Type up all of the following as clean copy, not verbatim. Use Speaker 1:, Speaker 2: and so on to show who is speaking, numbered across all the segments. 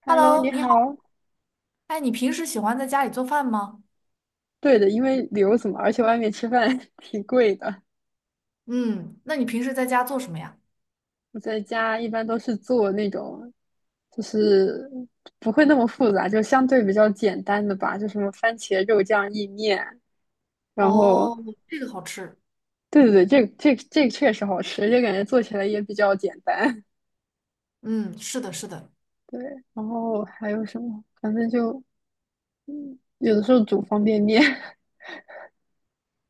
Speaker 1: Hello，
Speaker 2: Hello，
Speaker 1: 你
Speaker 2: 你
Speaker 1: 好。
Speaker 2: 好，哎，你平时喜欢在家里做饭吗？
Speaker 1: 对的，因为留子嘛，而且外面吃饭 挺贵的。
Speaker 2: 嗯，那你平时在家做什么呀？
Speaker 1: 我在家一般都是做那种，就是不会那么复杂，就相对比较简单的吧，就什么番茄肉酱意面。然后，
Speaker 2: 哦，这个好吃。
Speaker 1: 对对对，这个确实好吃，就感觉做起来也比较简单。
Speaker 2: 嗯，是的，是的。
Speaker 1: 对，然后还有什么？反正就有的时候煮方便面，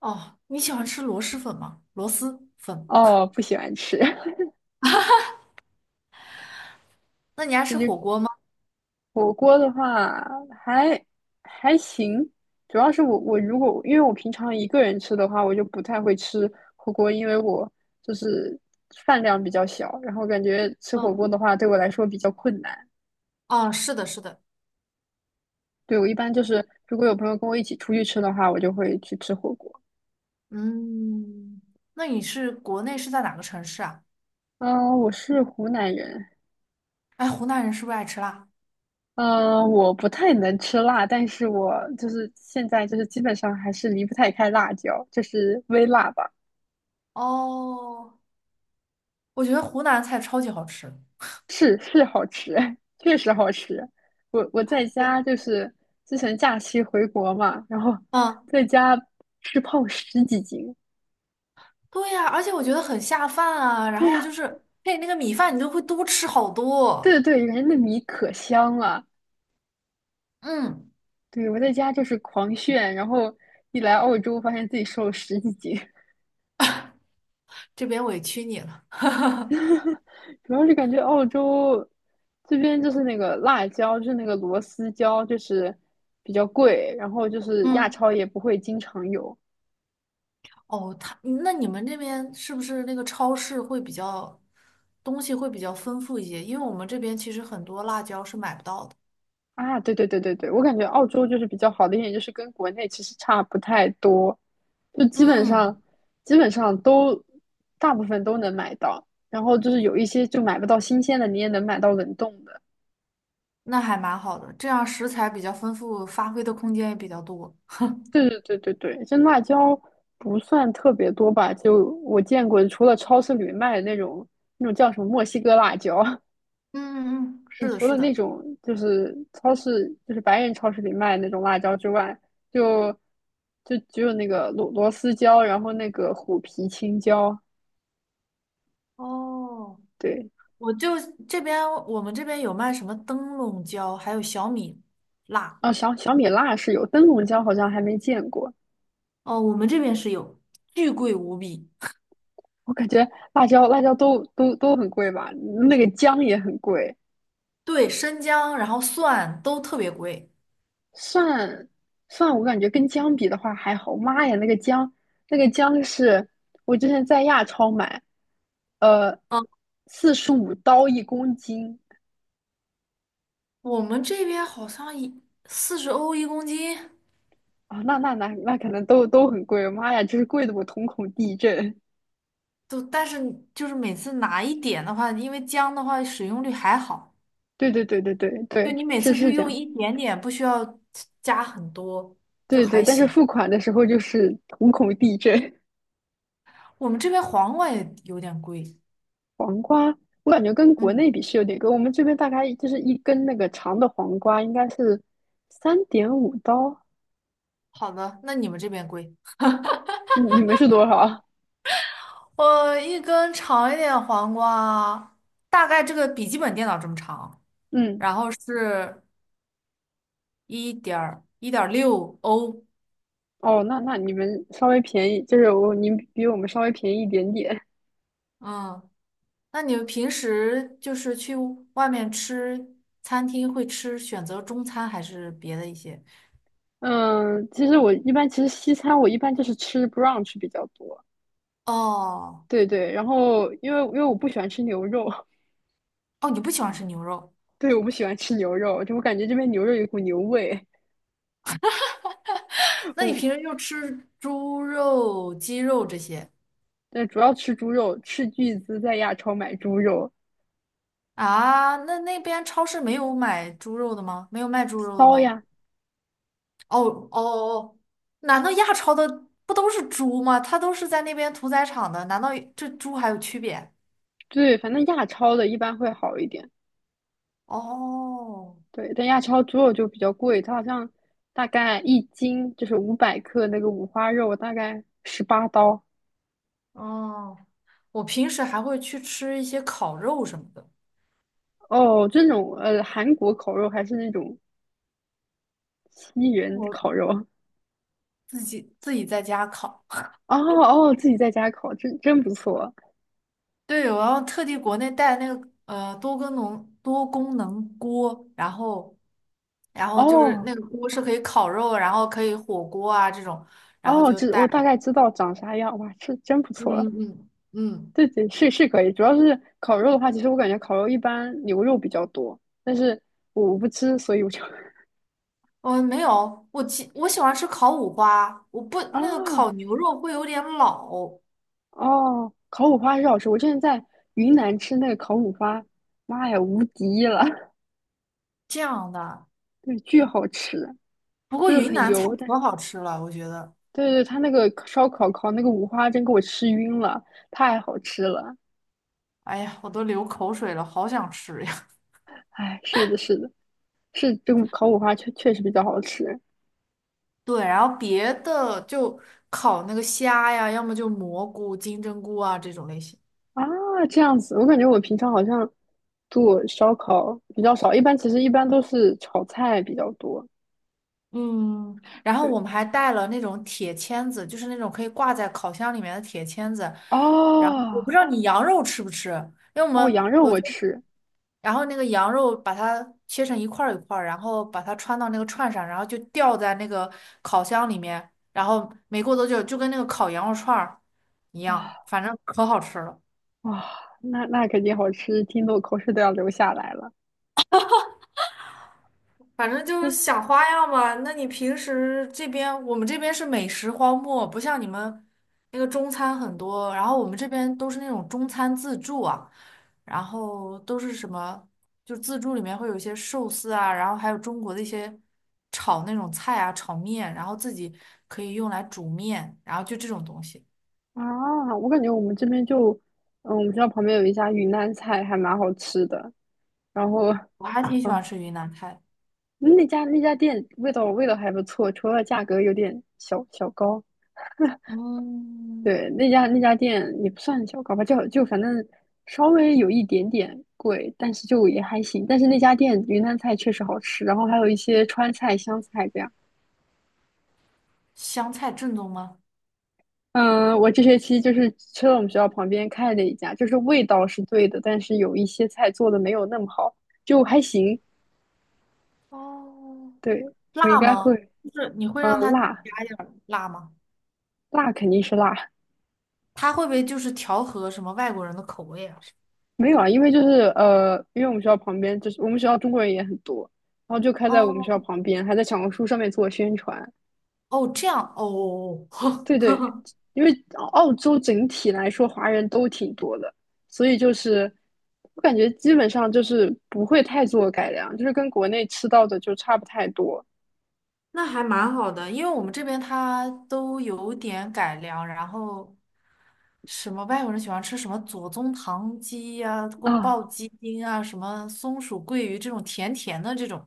Speaker 2: 哦，你喜欢吃螺蛳粉吗？螺蛳 粉？
Speaker 1: 哦，不喜欢吃。
Speaker 2: 那你爱
Speaker 1: 这
Speaker 2: 吃
Speaker 1: 就
Speaker 2: 火锅吗？
Speaker 1: 火锅的话还还行，主要是我如果因为我平常一个人吃的话，我就不太会吃火锅，因为我就是饭量比较小，然后感觉吃火锅
Speaker 2: 嗯，
Speaker 1: 的话对我来说比较困难。
Speaker 2: 哦，是的，是的。
Speaker 1: 对，我一般就是如果有朋友跟我一起出去吃的话，我就会去吃火锅。
Speaker 2: 嗯，那你是国内是在哪个城市啊？
Speaker 1: 嗯，我是湖南人，
Speaker 2: 哎，湖南人是不是爱吃辣？
Speaker 1: 嗯，我不太能吃辣，但是我就是现在就是基本上还是离不太开辣椒，就是微辣吧。
Speaker 2: 哦，我觉得湖南菜超级好吃。
Speaker 1: 是是好吃，确实好吃。我在
Speaker 2: 我，
Speaker 1: 家就是之前假期回国嘛，然后
Speaker 2: 嗯，
Speaker 1: 在家吃胖十几斤。
Speaker 2: 对呀，而且我觉得很下饭啊。然
Speaker 1: 对
Speaker 2: 后就
Speaker 1: 呀，
Speaker 2: 是配那个米饭，你都会多吃好多。
Speaker 1: 对对对，人家那米可香了。
Speaker 2: 嗯，
Speaker 1: 对，我在家就是狂炫，然后一来澳洲发现自己瘦了十几斤，
Speaker 2: 这边委屈你了。
Speaker 1: 主要是感觉澳洲这边就是那个辣椒，就是那个螺丝椒，就是比较贵，然后就是亚
Speaker 2: 嗯，
Speaker 1: 超也不会经常有，
Speaker 2: 哦，他，那你们这边是不是那个超市会比较，东西会比较丰富一些？因为我们这边其实很多辣椒是买不到的，
Speaker 1: 啊，对对对对对，我感觉澳洲就是比较好的一点，就是跟国内其实差不太多，就基本上
Speaker 2: 嗯，
Speaker 1: 都大部分都能买到，然后就是有一些就买不到新鲜的，你也能买到冷冻的。
Speaker 2: 那还蛮好的，这样食材比较丰富，发挥的空间也比较多。
Speaker 1: 对对对对对，这辣椒不算特别多吧，就我见过，除了超市里面卖的那种那种叫什么墨西哥辣椒，
Speaker 2: 嗯嗯，
Speaker 1: 就
Speaker 2: 是的，
Speaker 1: 除了
Speaker 2: 是
Speaker 1: 那
Speaker 2: 的，
Speaker 1: 种就是超市，就是白人超市里卖那种辣椒之外，就就只有那个螺丝椒，然后那个虎皮青椒，
Speaker 2: 哦，
Speaker 1: 对，
Speaker 2: 我就这边，我们这边有卖什么灯笼椒，还有小米辣，
Speaker 1: 啊，小米辣是有，灯笼椒好像还没见过。
Speaker 2: 哦，我们这边是有，巨贵无比。
Speaker 1: 我感觉辣椒都很贵吧，那个姜也很贵，
Speaker 2: 对，生姜，然后蒜都特别贵。
Speaker 1: 蒜蒜我感觉跟姜比的话还好。妈呀，那个姜是我之前在亚超买，呃，
Speaker 2: 嗯，
Speaker 1: 45刀1公斤，
Speaker 2: 我们这边好像一四十欧一公斤，
Speaker 1: 啊，那可能都很贵，妈呀，就是贵的我瞳孔地震。
Speaker 2: 都，但是就是每次拿一点的话，因为姜的话使用率还好，
Speaker 1: 对对对对对
Speaker 2: 就
Speaker 1: 对，
Speaker 2: 你每
Speaker 1: 是
Speaker 2: 次就
Speaker 1: 是这
Speaker 2: 用
Speaker 1: 样，
Speaker 2: 一点点，不需要加很多，就
Speaker 1: 对对，
Speaker 2: 还
Speaker 1: 但是
Speaker 2: 行。
Speaker 1: 付款的时候就是瞳孔地震。
Speaker 2: 我们这边黄瓜也有点贵。
Speaker 1: 黄瓜，我感觉跟国内
Speaker 2: 嗯，
Speaker 1: 比是有点贵，我们这边大概就是一根那个长的黄瓜应该是3.5刀，
Speaker 2: 好的，那你们这边贵？
Speaker 1: 你们是多少啊？
Speaker 2: 我一根长一点黄瓜，大概这个笔记本电脑这么长，
Speaker 1: 嗯，
Speaker 2: 然后是一点一点六欧，
Speaker 1: 哦，那你们稍微便宜，就是你们比我们稍微便宜一点点。
Speaker 2: 嗯。那你们平时就是去外面吃餐厅会吃选择中餐还是别的一些？
Speaker 1: 嗯，其实我一般其实西餐我一般就是吃 brunch 比较多。
Speaker 2: 哦
Speaker 1: 对对，然后因为我不喜欢吃牛肉，
Speaker 2: 哦，你不喜欢吃牛肉，
Speaker 1: 对，我不喜欢吃牛肉，就我感觉这边牛肉有一股牛味。
Speaker 2: 那你平
Speaker 1: 哦，
Speaker 2: 时就吃猪肉、鸡肉这些
Speaker 1: 但主要吃猪肉，斥巨资在亚超买猪肉，
Speaker 2: 啊？那那边超市没有买猪肉的吗？没有卖猪肉的
Speaker 1: 骚
Speaker 2: 吗？
Speaker 1: 呀，
Speaker 2: 哦哦哦，难道亚超的不都是猪吗？它都是在那边屠宰场的，难道这猪还有区别？
Speaker 1: 对，反正亚超的一般会好一点。
Speaker 2: 哦
Speaker 1: 对，但亚超猪肉就比较贵，它好像大概1斤就是500克那个五花肉，大概18刀。
Speaker 2: 哦，我平时还会去吃一些烤肉什么的。
Speaker 1: 哦，这种韩国烤肉还是那种西人
Speaker 2: 我
Speaker 1: 烤肉。
Speaker 2: 自己在家烤。
Speaker 1: 哦哦，自己在家烤，真不错。
Speaker 2: 对，我要特地国内带那个多功能锅，然后然后就是
Speaker 1: 哦，
Speaker 2: 那个锅是可以烤肉，然后可以火锅啊这种，然后
Speaker 1: 哦，
Speaker 2: 就
Speaker 1: 我
Speaker 2: 带
Speaker 1: 大
Speaker 2: 来。
Speaker 1: 概知道长啥样，哇，这真不
Speaker 2: 嗯
Speaker 1: 错。
Speaker 2: 嗯嗯，
Speaker 1: 对对，是是可以，主要是烤肉的话，其实我感觉烤肉一般牛肉比较多，但是我不吃，所以我就
Speaker 2: 我没有，我喜欢吃烤五花，我不
Speaker 1: 啊
Speaker 2: 那个烤牛肉会有点老，
Speaker 1: 哦，烤五花是好吃。我之前在云南吃那个烤五花，妈呀，无敌了，
Speaker 2: 这样的。
Speaker 1: 对，巨好吃，
Speaker 2: 不过
Speaker 1: 就是
Speaker 2: 云
Speaker 1: 很
Speaker 2: 南菜
Speaker 1: 油，但
Speaker 2: 可
Speaker 1: 是
Speaker 2: 好吃了，我觉得，
Speaker 1: 对对，他那个烧烤烤那个五花真给我吃晕了，太好吃了。
Speaker 2: 哎呀，我都流口水了，好想吃。呀。
Speaker 1: 哎，是的，是的，是这个烤五花确实比较好吃。
Speaker 2: 对，然后别的就烤那个虾呀，要么就蘑菇、金针菇啊这种类型。
Speaker 1: 啊，这样子，我感觉我平常好像做烧烤比较少，一般其实一般都是炒菜比较多。
Speaker 2: 嗯，然后
Speaker 1: 对，
Speaker 2: 我们还带了那种铁签子，就是那种可以挂在烤箱里面的铁签子。然后我
Speaker 1: 哦
Speaker 2: 不知道你羊肉吃不吃，因为我
Speaker 1: 哦，羊
Speaker 2: 们
Speaker 1: 肉
Speaker 2: 我
Speaker 1: 我
Speaker 2: 就，
Speaker 1: 吃
Speaker 2: 然后那个羊肉把它切成一块儿一块儿，然后把它穿到那个串上，然后就吊在那个烤箱里面，然后没过多久就跟那个烤羊肉串儿一样，
Speaker 1: 啊，
Speaker 2: 反正可好吃了。
Speaker 1: 哇，那肯定好吃，听得我口水都要流下来了。
Speaker 2: 反正就是
Speaker 1: 就
Speaker 2: 想花样吧。那你平时这边，我们这边是美食荒漠，不像你们那个中餐很多，然后我们这边都是那种中餐自助啊，然后都是什么，就自助里面会有一些寿司啊，然后还有中国的一些炒那种菜啊，炒面，然后自己可以用来煮面，然后就这种东西，
Speaker 1: 啊，我感觉我们这边就，我们学校旁边有一家云南菜，还蛮好吃的。然后，
Speaker 2: 我还挺喜欢
Speaker 1: 啊，
Speaker 2: 吃云南菜。
Speaker 1: 那家店味道还不错，除了价格有点小小高。
Speaker 2: 嗯，
Speaker 1: 对，那家店也不算小，搞吧，就反正稍微有一点点贵，但是就也还行。但是那家店云南菜确实好吃，然后还有一些川菜、湘菜这样。
Speaker 2: 湘菜正宗吗？
Speaker 1: 嗯，我这学期就是去了我们学校旁边开的一家，就是味道是对的，但是有一些菜做的没有那么好，就还行。
Speaker 2: 哦，
Speaker 1: 对，我应
Speaker 2: 辣
Speaker 1: 该
Speaker 2: 吗？
Speaker 1: 会，
Speaker 2: 就是你会
Speaker 1: 嗯，
Speaker 2: 让他加一点儿辣吗？
Speaker 1: 辣肯定是辣，
Speaker 2: 他会不会就是调和什么外国人的口味啊？
Speaker 1: 没有啊，因为就是因为我们学校旁边就是我们学校中国人也很多，然后就开在我们学
Speaker 2: 哦
Speaker 1: 校旁边，还在小红书上面做宣传。
Speaker 2: 哦，这样哦，
Speaker 1: 对对，因为澳洲整体来说华人都挺多的，所以就是我感觉基本上就是不会太做改良，就是跟国内吃到的就差不太多
Speaker 2: 那还蛮好的，因为我们这边它都有点改良，然后什么外国人喜欢吃什么左宗棠鸡呀、宫
Speaker 1: 啊。
Speaker 2: 爆鸡丁啊、什么松鼠桂鱼这种甜甜的这种。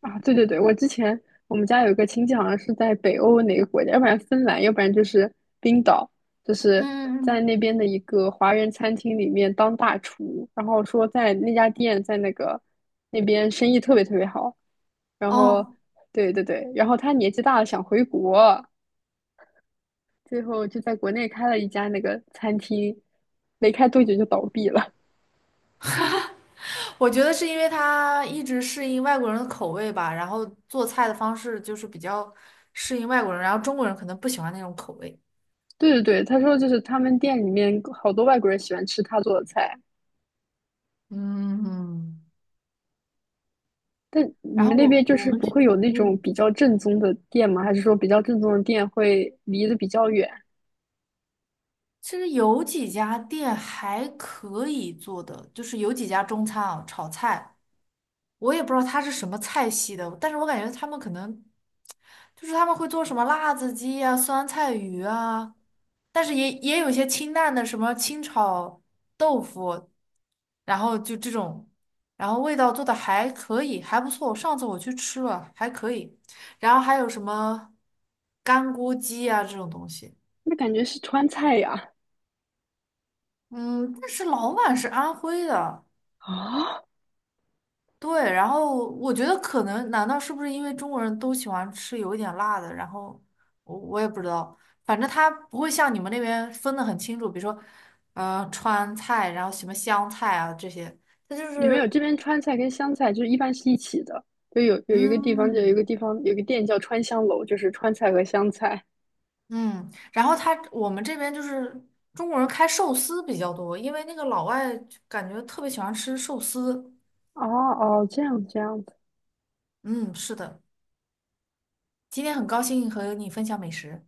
Speaker 1: 啊，对对对，我之前我们家有一个亲戚，好像是在北欧哪个国家，要不然芬兰，要不然就是冰岛，就是
Speaker 2: 嗯
Speaker 1: 在
Speaker 2: 嗯，嗯，
Speaker 1: 那边的一个华人餐厅里面当大厨，然后说在那家店在那边生意特别特别好，然后
Speaker 2: 哦，
Speaker 1: 对对对，然后他年纪大了想回国，最后就在国内开了一家那个餐厅，没开多久就倒闭了。
Speaker 2: 我觉得是因为他一直适应外国人的口味吧，然后做菜的方式就是比较适应外国人，然后中国人可能不喜欢那种口味。
Speaker 1: 对对对，他说就是他们店里面好多外国人喜欢吃他做的菜。
Speaker 2: 嗯，
Speaker 1: 但你
Speaker 2: 然
Speaker 1: 们
Speaker 2: 后
Speaker 1: 那边
Speaker 2: 我
Speaker 1: 就
Speaker 2: 我
Speaker 1: 是
Speaker 2: 们
Speaker 1: 不
Speaker 2: 这，
Speaker 1: 会有那种
Speaker 2: 嗯，
Speaker 1: 比较正宗的店吗？还是说比较正宗的店会离得比较远？
Speaker 2: 其实有几家店还可以做的，就是有几家中餐啊，炒菜。我也不知道它是什么菜系的，但是我感觉他们可能就是他们会做什么辣子鸡呀、酸菜鱼啊，但是也有一些清淡的，什么清炒豆腐，然后就这种，然后味道做的还可以，还不错。上次我去吃了，还可以。然后还有什么干锅鸡啊这种东西，
Speaker 1: 那感觉是川菜呀。
Speaker 2: 嗯，但是老板是安徽的。
Speaker 1: 啊，
Speaker 2: 对，然后我觉得可能，难道是不是因为中国人都喜欢吃有一点辣的？然后我也不知道，反正他不会像你们那边分的很清楚，比如说，川菜，然后什么湘菜啊这些，他就
Speaker 1: 有没有这
Speaker 2: 是，
Speaker 1: 边川菜跟湘菜就是一般是一起的？就有一个地方，就有一
Speaker 2: 嗯
Speaker 1: 个地方有个店叫川香楼，就是川菜和湘菜。
Speaker 2: 嗯，然后他我们这边就是中国人开寿司比较多，因为那个老外就感觉特别喜欢吃寿司。
Speaker 1: 哦哦，这样子。
Speaker 2: 嗯，是的，今天很高兴和你分享美食。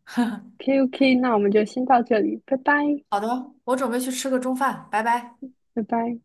Speaker 1: OK OK，那我们就先到这里，拜拜
Speaker 2: 好的，我准备去吃个中饭，拜拜。
Speaker 1: 拜拜。